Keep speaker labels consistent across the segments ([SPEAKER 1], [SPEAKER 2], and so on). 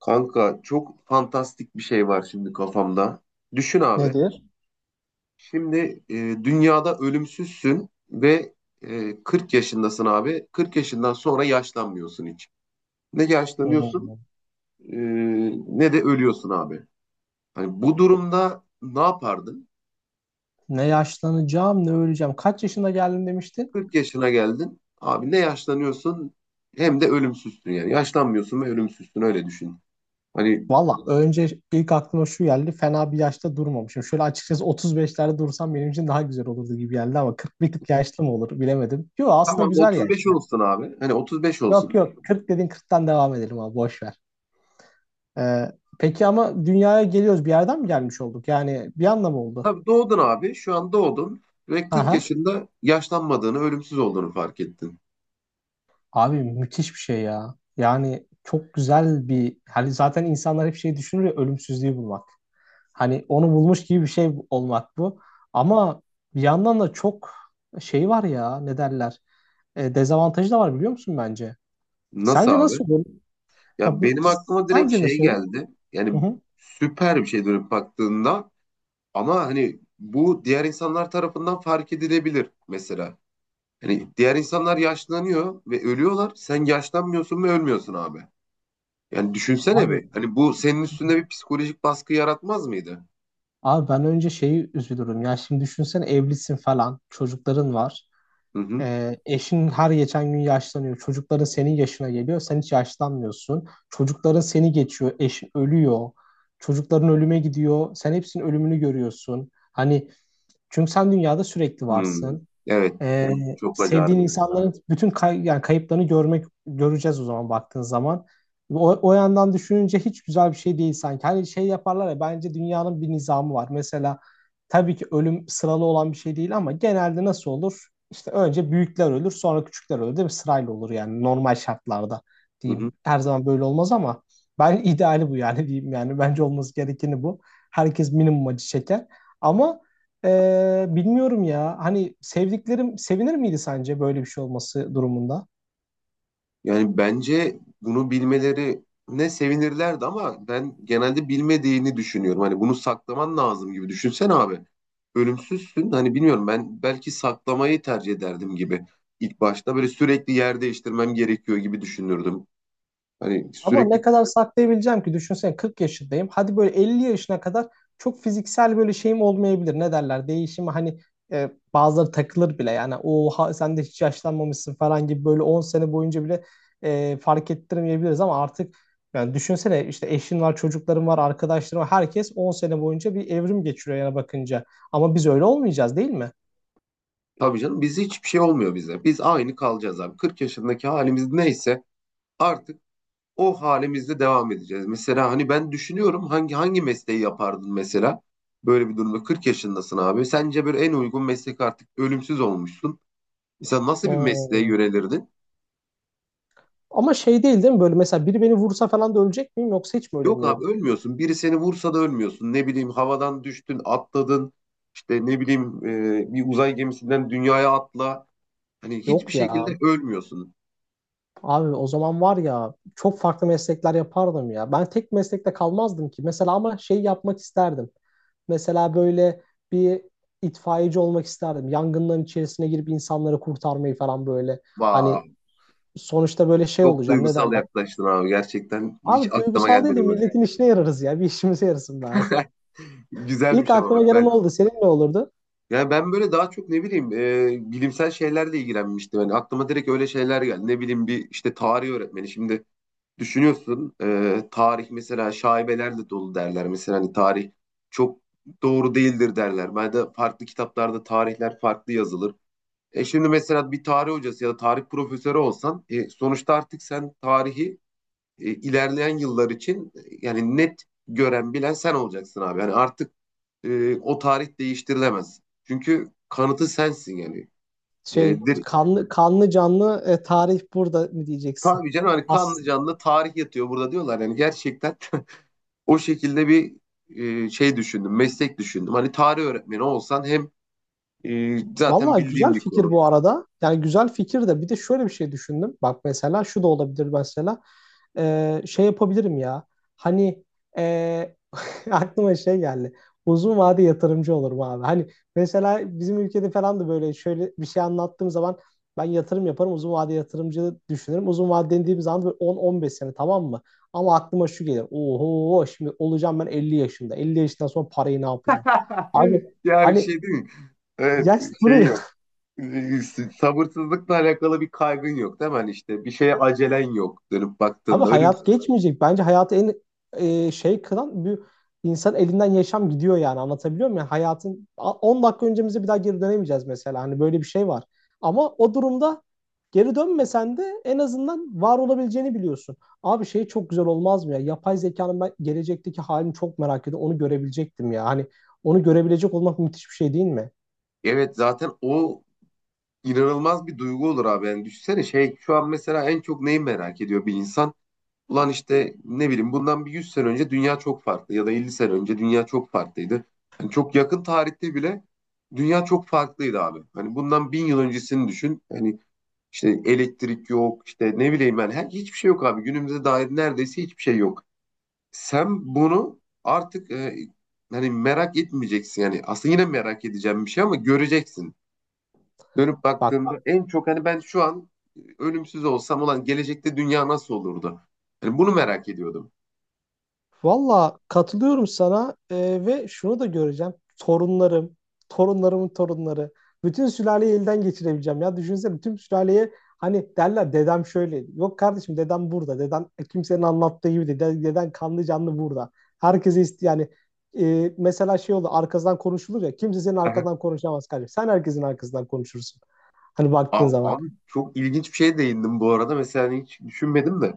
[SPEAKER 1] Kanka çok fantastik bir şey var şimdi kafamda. Düşün abi.
[SPEAKER 2] Nedir?
[SPEAKER 1] Şimdi dünyada ölümsüzsün ve 40 yaşındasın abi. 40 yaşından sonra yaşlanmıyorsun hiç. Ne yaşlanıyorsun
[SPEAKER 2] Hmm.
[SPEAKER 1] e, ne de ölüyorsun abi. Hani bu durumda ne yapardın?
[SPEAKER 2] Ne yaşlanacağım ne öleceğim. Kaç yaşında geldim demiştin?
[SPEAKER 1] 40 yaşına geldin. Abi ne yaşlanıyorsun, hem de ölümsüzsün yani. Yaşlanmıyorsun ve ölümsüzsün, öyle düşün. Hani
[SPEAKER 2] Valla önce ilk aklıma şu geldi. Fena bir yaşta durmamışım. Şöyle açıkçası 35'lerde dursam benim için daha güzel olurdu gibi geldi ama 40 bir tık yaşlı mı olur bilemedim. Yok aslında
[SPEAKER 1] tamam,
[SPEAKER 2] güzel
[SPEAKER 1] 35
[SPEAKER 2] yaş ya.
[SPEAKER 1] olsun abi. Hani 35 olsun.
[SPEAKER 2] Yok yok 40 dedin 40'tan devam edelim abi, boş ver. Ee, peki ama dünyaya geliyoruz, bir yerden mi gelmiş olduk? Yani bir anda oldu?
[SPEAKER 1] Tabii doğdun abi. Şu an doğdun ve 40
[SPEAKER 2] Aha.
[SPEAKER 1] yaşında yaşlanmadığını, ölümsüz olduğunu fark ettin.
[SPEAKER 2] Abi müthiş bir şey ya. Yani çok güzel bir, hani zaten insanlar hep şey düşünür ya, ölümsüzlüğü bulmak. Hani onu bulmuş gibi bir şey olmak bu. Ama bir yandan da çok şey var ya, ne derler. Dezavantajı da var biliyor musun bence?
[SPEAKER 1] Nasıl
[SPEAKER 2] Sence
[SPEAKER 1] abi?
[SPEAKER 2] nasıl olur? Ya,
[SPEAKER 1] Ya
[SPEAKER 2] b-
[SPEAKER 1] benim aklıma direkt
[SPEAKER 2] Sence
[SPEAKER 1] şey
[SPEAKER 2] nasıl olur?
[SPEAKER 1] geldi.
[SPEAKER 2] Hı
[SPEAKER 1] Yani
[SPEAKER 2] hı.
[SPEAKER 1] süper bir şey dönüp baktığında, ama hani bu diğer insanlar tarafından fark edilebilir mesela. Hani diğer insanlar yaşlanıyor ve ölüyorlar. Sen yaşlanmıyorsun ve ölmüyorsun abi. Yani düşünsene
[SPEAKER 2] Abi,
[SPEAKER 1] bir. Hani bu senin üstünde bir psikolojik baskı yaratmaz mıydı?
[SPEAKER 2] abi, ben önce şeyi üzülürüm. Ya şimdi düşünsene, evlisin falan. Çocukların var.
[SPEAKER 1] Hı hı.
[SPEAKER 2] Eşin her geçen gün yaşlanıyor. Çocukların senin yaşına geliyor. Sen hiç yaşlanmıyorsun. Çocukların seni geçiyor. Eşin ölüyor. Çocukların ölüme gidiyor. Sen hepsinin ölümünü görüyorsun. Hani. Çünkü sen dünyada sürekli
[SPEAKER 1] Hmm.
[SPEAKER 2] varsın.
[SPEAKER 1] Evet.
[SPEAKER 2] Ee,
[SPEAKER 1] O çok acı
[SPEAKER 2] sevdiğin
[SPEAKER 1] harbiden.
[SPEAKER 2] insanların bütün yani kayıplarını görmek, göreceğiz o zaman baktığın zaman. O yandan düşününce hiç güzel bir şey değil sanki. Hani şey yaparlar ya, bence dünyanın bir nizamı var. Mesela tabii ki ölüm sıralı olan bir şey değil ama genelde nasıl olur? İşte önce büyükler ölür, sonra küçükler ölür değil mi? Sırayla olur yani normal şartlarda
[SPEAKER 1] Hı hı.
[SPEAKER 2] diyeyim. Her zaman böyle olmaz ama ben ideali bu yani diyeyim, yani bence olması gerekeni bu. Herkes minimum acı çeker. Ama bilmiyorum ya. Hani sevdiklerim sevinir miydi sence böyle bir şey olması durumunda?
[SPEAKER 1] Yani bence bunu bilmelerine sevinirlerdi, ama ben genelde bilmediğini düşünüyorum. Hani bunu saklaman lazım gibi. Düşünsene abi. Ölümsüzsün. Hani bilmiyorum, ben belki saklamayı tercih ederdim gibi. İlk başta böyle sürekli yer değiştirmem gerekiyor gibi düşünürdüm. Hani
[SPEAKER 2] Ama ne
[SPEAKER 1] sürekli.
[SPEAKER 2] kadar saklayabileceğim ki, düşünsene 40 yaşındayım. Hadi böyle 50 yaşına kadar çok fiziksel böyle şeyim olmayabilir. Ne derler? Değişimi, hani bazıları takılır bile. Yani oha sen de hiç yaşlanmamışsın falan gibi, böyle 10 sene boyunca bile fark ettirmeyebiliriz ama artık yani düşünsene, işte eşin var, çocukların var, arkadaşların var. Herkes 10 sene boyunca bir evrim geçiriyor yana bakınca. Ama biz öyle olmayacağız değil mi?
[SPEAKER 1] Tabii canım, biz hiçbir şey olmuyor bize. Biz aynı kalacağız abi. 40 yaşındaki halimiz neyse, artık o halimizde devam edeceğiz. Mesela hani ben düşünüyorum, hangi mesleği yapardın mesela? Böyle bir durumda 40 yaşındasın abi. Sence böyle en uygun meslek, artık ölümsüz olmuşsun. Mesela nasıl bir mesleğe
[SPEAKER 2] Hmm.
[SPEAKER 1] yönelirdin?
[SPEAKER 2] Ama şey değil değil mi? Böyle mesela biri beni vursa falan da ölecek miyim, yoksa hiç mi
[SPEAKER 1] Yok abi,
[SPEAKER 2] ölemiyorum?
[SPEAKER 1] ölmüyorsun. Biri seni vursa da ölmüyorsun. Ne bileyim, havadan düştün, atladın. İşte ne bileyim, bir uzay gemisinden dünyaya atla. Hani hiçbir
[SPEAKER 2] Yok ya.
[SPEAKER 1] şekilde ölmüyorsun.
[SPEAKER 2] Abi o zaman var ya, çok farklı meslekler yapardım ya. Ben tek meslekte kalmazdım ki. Mesela ama şey yapmak isterdim. Mesela böyle bir itfaiyeci olmak isterdim. Yangınların içerisine girip insanları kurtarmayı falan, böyle. Hani
[SPEAKER 1] Vay,
[SPEAKER 2] sonuçta böyle şey
[SPEAKER 1] çok
[SPEAKER 2] olacağım, ne
[SPEAKER 1] duygusal
[SPEAKER 2] derler.
[SPEAKER 1] yaklaştın abi gerçekten. Hiç
[SPEAKER 2] Abi
[SPEAKER 1] aklıma
[SPEAKER 2] duygusal değil
[SPEAKER 1] gelmedi
[SPEAKER 2] de
[SPEAKER 1] bu.
[SPEAKER 2] milletin işine yararız ya. Bir işimize yarasın bari. İlk
[SPEAKER 1] Güzelmiş, ama
[SPEAKER 2] aklıma
[SPEAKER 1] bak
[SPEAKER 2] gelen
[SPEAKER 1] ben.
[SPEAKER 2] oldu. Senin ne olurdu?
[SPEAKER 1] Yani ben böyle daha çok ne bileyim, bilimsel şeylerle ilgilenmiştim. Yani aklıma direkt öyle şeyler geldi. Ne bileyim, bir işte tarih öğretmeni. Şimdi düşünüyorsun, tarih mesela şaibelerle dolu derler. Mesela hani tarih çok doğru değildir derler. Ben de farklı kitaplarda tarihler farklı yazılır. Şimdi mesela bir tarih hocası ya da tarih profesörü olsan, sonuçta artık sen tarihi, ilerleyen yıllar için, yani net gören bilen sen olacaksın abi. Yani artık o tarih değiştirilemez. Çünkü kanıtı sensin yani. E,
[SPEAKER 2] Şey,
[SPEAKER 1] dir-
[SPEAKER 2] kanlı canlı tarih burada mı diyeceksin?
[SPEAKER 1] tabii canım, hani
[SPEAKER 2] As
[SPEAKER 1] kanlı canlı tarih yatıyor burada diyorlar. Yani gerçekten. O şekilde bir şey düşündüm, meslek düşündüm. Hani tarih öğretmeni olsan, hem zaten
[SPEAKER 2] Vallahi
[SPEAKER 1] bildiğim
[SPEAKER 2] güzel
[SPEAKER 1] bir
[SPEAKER 2] fikir
[SPEAKER 1] konu.
[SPEAKER 2] bu arada. Yani güzel fikir de, bir de şöyle bir şey düşündüm. Bak mesela şu da olabilir mesela. Şey yapabilirim ya. Hani ee, aklıma şey geldi. Uzun vade yatırımcı olurum abi. Hani mesela bizim ülkede falan da böyle şöyle bir şey anlattığım zaman, ben yatırım yaparım. Uzun vade yatırımcı düşünürüm. Uzun vade dediğim zaman böyle 10-15 sene, tamam mı? Ama aklıma şu gelir. Oho, şimdi olacağım ben 50 yaşında. 50 yaşından sonra parayı ne yapacağım? Abi
[SPEAKER 1] Ya bir
[SPEAKER 2] hani
[SPEAKER 1] şey değil mi? Evet,
[SPEAKER 2] yaş
[SPEAKER 1] şey
[SPEAKER 2] duruyor.
[SPEAKER 1] yok. E, Sabırsızlıkla alakalı bir kaygın yok değil mi? Hani işte bir şeye acelen yok dönüp
[SPEAKER 2] Abi
[SPEAKER 1] baktığında.
[SPEAKER 2] hayat geçmeyecek. Bence hayatı en şey kılan, bir insan elinden yaşam gidiyor, yani anlatabiliyor muyum? Yani hayatın 10 dakika öncemize bir daha geri dönemeyeceğiz mesela. Hani böyle bir şey var. Ama o durumda geri dönmesen de en azından var olabileceğini biliyorsun. Abi şey çok güzel olmaz mı ya? Yapay zekanın ben gelecekteki halini çok merak ediyorum. Onu görebilecektim ya. Hani onu görebilecek olmak müthiş bir şey değil mi?
[SPEAKER 1] Evet, zaten o inanılmaz bir duygu olur abi. Yani düşünsene, şey, şu an mesela en çok neyi merak ediyor bir insan? Ulan işte ne bileyim, bundan bir 100 sene önce dünya çok farklı, ya da 50 sene önce dünya çok farklıydı. Yani çok yakın tarihte bile dünya çok farklıydı abi. Hani bundan 1.000 yıl öncesini düşün. Hani işte elektrik yok, işte ne bileyim ben hiçbir şey yok abi. Günümüze dair neredeyse hiçbir şey yok. Sen bunu artık, hani merak etmeyeceksin, yani aslında yine merak edeceğim bir şey, ama göreceksin. Dönüp
[SPEAKER 2] Bak.
[SPEAKER 1] baktığımda en çok, hani, ben şu an ölümsüz olsam olan gelecekte dünya nasıl olurdu? Hani bunu merak ediyordum.
[SPEAKER 2] Valla katılıyorum sana ve şunu da göreceğim. Torunlarım, torunlarımın torunları. Bütün sülaleyi elden geçirebileceğim ya. Düşünsene, bütün sülaleye hani derler, dedem şöyle. Yok kardeşim, dedem burada. Dedem kimsenin anlattığı gibi değil. Deden kanlı canlı burada. Herkese yani mesela şey oldu, arkadan konuşulur ya. Kimse senin
[SPEAKER 1] Aha.
[SPEAKER 2] arkadan konuşamaz kardeşim. Sen herkesin arkasından konuşursun. Hani
[SPEAKER 1] A-
[SPEAKER 2] baktığın zaman.
[SPEAKER 1] Abi, çok ilginç bir şeye değindim bu arada. Mesela hani hiç düşünmedim de.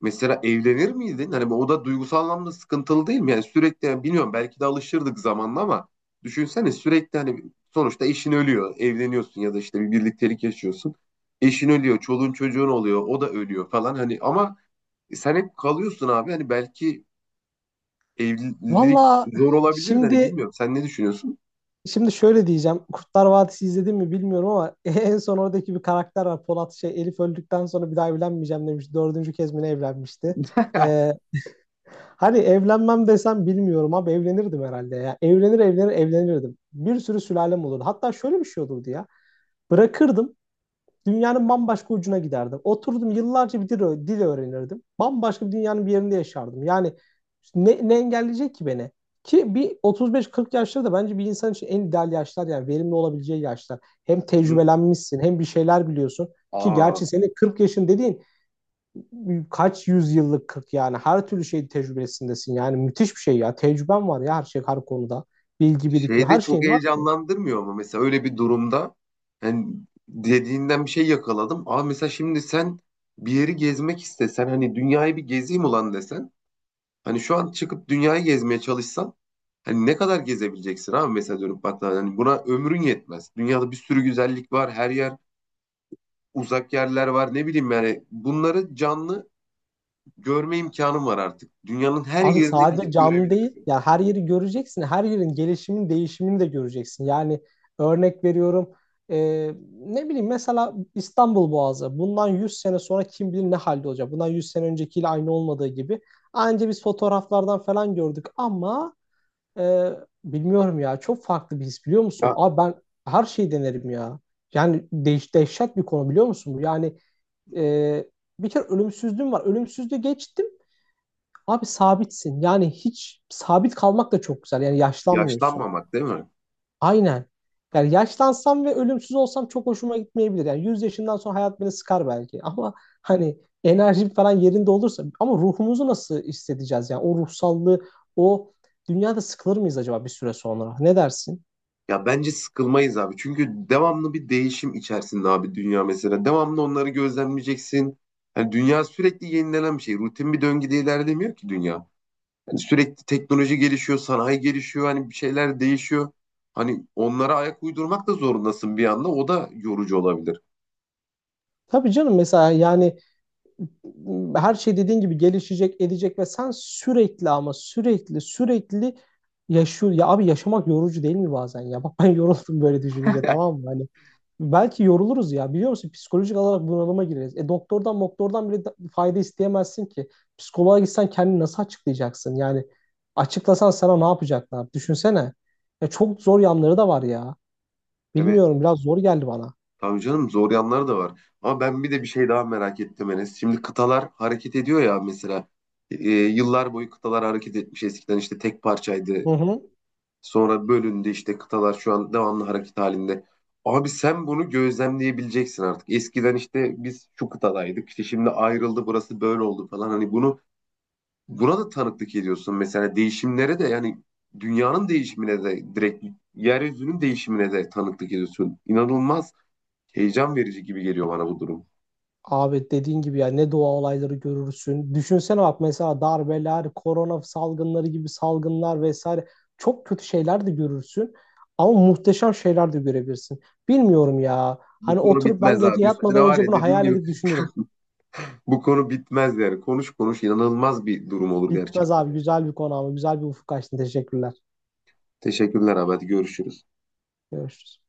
[SPEAKER 1] Mesela evlenir miydin? Hani o da duygusal anlamda sıkıntılı değil mi? Yani sürekli, yani bilmiyorum, belki de alışırdık zamanla, ama düşünsene, sürekli, hani, sonuçta eşin ölüyor. Evleniyorsun ya da işte bir birliktelik yaşıyorsun. Eşin ölüyor, çoluğun çocuğun oluyor, o da ölüyor falan, hani, ama sen hep kalıyorsun abi. Hani belki evlilik
[SPEAKER 2] Valla,
[SPEAKER 1] zor olabilir de, hani,
[SPEAKER 2] şimdi
[SPEAKER 1] bilmiyorum. Sen ne düşünüyorsun?
[SPEAKER 2] Şimdi şöyle diyeceğim. Kurtlar Vadisi izledim mi bilmiyorum ama en son oradaki bir karakter var. Polat, Elif öldükten sonra bir daha evlenmeyeceğim demiş. Dördüncü kez mi ne evlenmişti? Ee, hani evlenmem desem, bilmiyorum abi, evlenirdim herhalde ya. Evlenir evlenir evlenirdim. Bir sürü sülalem olurdu. Hatta şöyle bir şey olurdu ya. Bırakırdım. Dünyanın bambaşka ucuna giderdim. Oturdum yıllarca bir dil öğrenirdim. Bambaşka bir dünyanın bir yerinde yaşardım. Yani ne engelleyecek ki beni? Ki bir 35-40 yaşları da bence bir insan için en ideal yaşlar, yani verimli olabileceği yaşlar. Hem
[SPEAKER 1] Hı hı.
[SPEAKER 2] tecrübelenmişsin hem bir şeyler biliyorsun. Ki
[SPEAKER 1] Aa,
[SPEAKER 2] gerçi senin 40 yaşın dediğin kaç yüzyıllık 40, yani her türlü şeyin tecrübesindesin. Yani müthiş bir şey ya. Tecrüben var ya her şey, her konuda. Bilgi birikimi,
[SPEAKER 1] şey de
[SPEAKER 2] her
[SPEAKER 1] çok
[SPEAKER 2] şeyin var ki.
[SPEAKER 1] heyecanlandırmıyor, ama mesela öyle bir durumda hani, dediğinden bir şey yakaladım. Aa, mesela şimdi sen bir yeri gezmek istesen, hani dünyayı bir gezeyim ulan desen, hani şu an çıkıp dünyayı gezmeye çalışsan, hani ne kadar gezebileceksin abi. Mesela dönüp baktığında, hani, buna ömrün yetmez. Dünyada bir sürü güzellik var. Her yer, uzak yerler var. Ne bileyim, yani bunları canlı görme imkanım var artık. Dünyanın her
[SPEAKER 2] Abi
[SPEAKER 1] yerine
[SPEAKER 2] sadece
[SPEAKER 1] gidip
[SPEAKER 2] canlı değil,
[SPEAKER 1] görebilirsin.
[SPEAKER 2] ya her yeri göreceksin, her yerin gelişimin, değişimini de göreceksin. Yani örnek veriyorum, e, ne bileyim mesela İstanbul Boğazı, bundan 100 sene sonra kim bilir ne halde olacak. Bundan 100 sene öncekiyle aynı olmadığı gibi. Anca biz fotoğraflardan falan gördük ama e, bilmiyorum ya, çok farklı bir his, biliyor musun?
[SPEAKER 1] Ya,
[SPEAKER 2] Abi ben her şeyi denerim ya. Yani dehşet bir konu, biliyor musun bu? Yani e, bir kere ölümsüzlüğüm var, ölümsüzlüğü geçtim. Abi sabitsin. Yani hiç, sabit kalmak da çok güzel. Yani yaşlanmıyorsun.
[SPEAKER 1] yaşlanmamak değil mi?
[SPEAKER 2] Aynen. Yani yaşlansam ve ölümsüz olsam çok hoşuma gitmeyebilir. Yani 100 yaşından sonra hayat beni sıkar belki. Ama hani enerjim falan yerinde olursa, ama ruhumuzu nasıl hissedeceğiz? Yani o ruhsallığı, o dünyada sıkılır mıyız acaba bir süre sonra? Ne dersin?
[SPEAKER 1] Ya bence sıkılmayız abi. Çünkü devamlı bir değişim içerisinde abi dünya mesela. Devamlı onları gözlemleyeceksin. Yani dünya sürekli yenilenen bir şey. Rutin bir döngüde ilerlemiyor ki dünya. Yani sürekli teknoloji gelişiyor, sanayi gelişiyor, hani bir şeyler değişiyor. Hani onlara ayak uydurmak da zorundasın bir anda. O da yorucu olabilir.
[SPEAKER 2] Tabii canım, mesela yani her şey dediğin gibi gelişecek, edecek ve sen sürekli, ama sürekli sürekli yaşıyor. Ya abi yaşamak yorucu değil mi bazen ya? Bak, ben yoruldum böyle düşününce, tamam mı? Hani belki yoruluruz ya, biliyor musun? Psikolojik olarak bunalıma gireriz. E, doktordan bile fayda isteyemezsin ki. Psikoloğa gitsen kendini nasıl açıklayacaksın? Yani açıklasan sana ne yapacaklar? Düşünsene. Ya çok zor yanları da var ya.
[SPEAKER 1] Evet.
[SPEAKER 2] Bilmiyorum, biraz zor geldi bana.
[SPEAKER 1] Tabii canım, zor yanları da var. Ama ben bir de bir şey daha merak ettim Enes. Şimdi kıtalar hareket ediyor ya mesela. Yıllar boyu kıtalar hareket etmiş. Eskiden işte tek parçaydı.
[SPEAKER 2] Hı hı.
[SPEAKER 1] Sonra bölündü, işte kıtalar şu an devamlı hareket halinde. Abi sen bunu gözlemleyebileceksin artık. Eskiden işte biz şu kıtadaydık. İşte şimdi ayrıldı, burası böyle oldu falan. Hani bunu, buna da tanıklık ediyorsun. Mesela değişimlere de, yani, dünyanın değişimine de direkt, yeryüzünün değişimine de tanıklık ediyorsun. İnanılmaz heyecan verici gibi geliyor bana bu durum.
[SPEAKER 2] Abi dediğin gibi ya, ne doğa olayları görürsün. Düşünsene bak, mesela darbeler, korona salgınları gibi salgınlar vesaire, çok kötü şeyler de görürsün. Ama muhteşem şeyler de görebilirsin. Bilmiyorum ya.
[SPEAKER 1] Bu
[SPEAKER 2] Hani
[SPEAKER 1] konu
[SPEAKER 2] oturup ben
[SPEAKER 1] bitmez
[SPEAKER 2] gece
[SPEAKER 1] abi. Üstüne
[SPEAKER 2] yatmadan
[SPEAKER 1] var
[SPEAKER 2] önce
[SPEAKER 1] ya,
[SPEAKER 2] bunu
[SPEAKER 1] dediğin
[SPEAKER 2] hayal
[SPEAKER 1] gibi
[SPEAKER 2] edip düşünürüm.
[SPEAKER 1] bu konu bitmez yani. Konuş konuş, inanılmaz bir durum olur
[SPEAKER 2] Bitmez
[SPEAKER 1] gerçekten.
[SPEAKER 2] abi, güzel bir konu, ama güzel bir ufuk açtın. Teşekkürler.
[SPEAKER 1] Teşekkürler abi. Hadi görüşürüz.
[SPEAKER 2] Görüşürüz.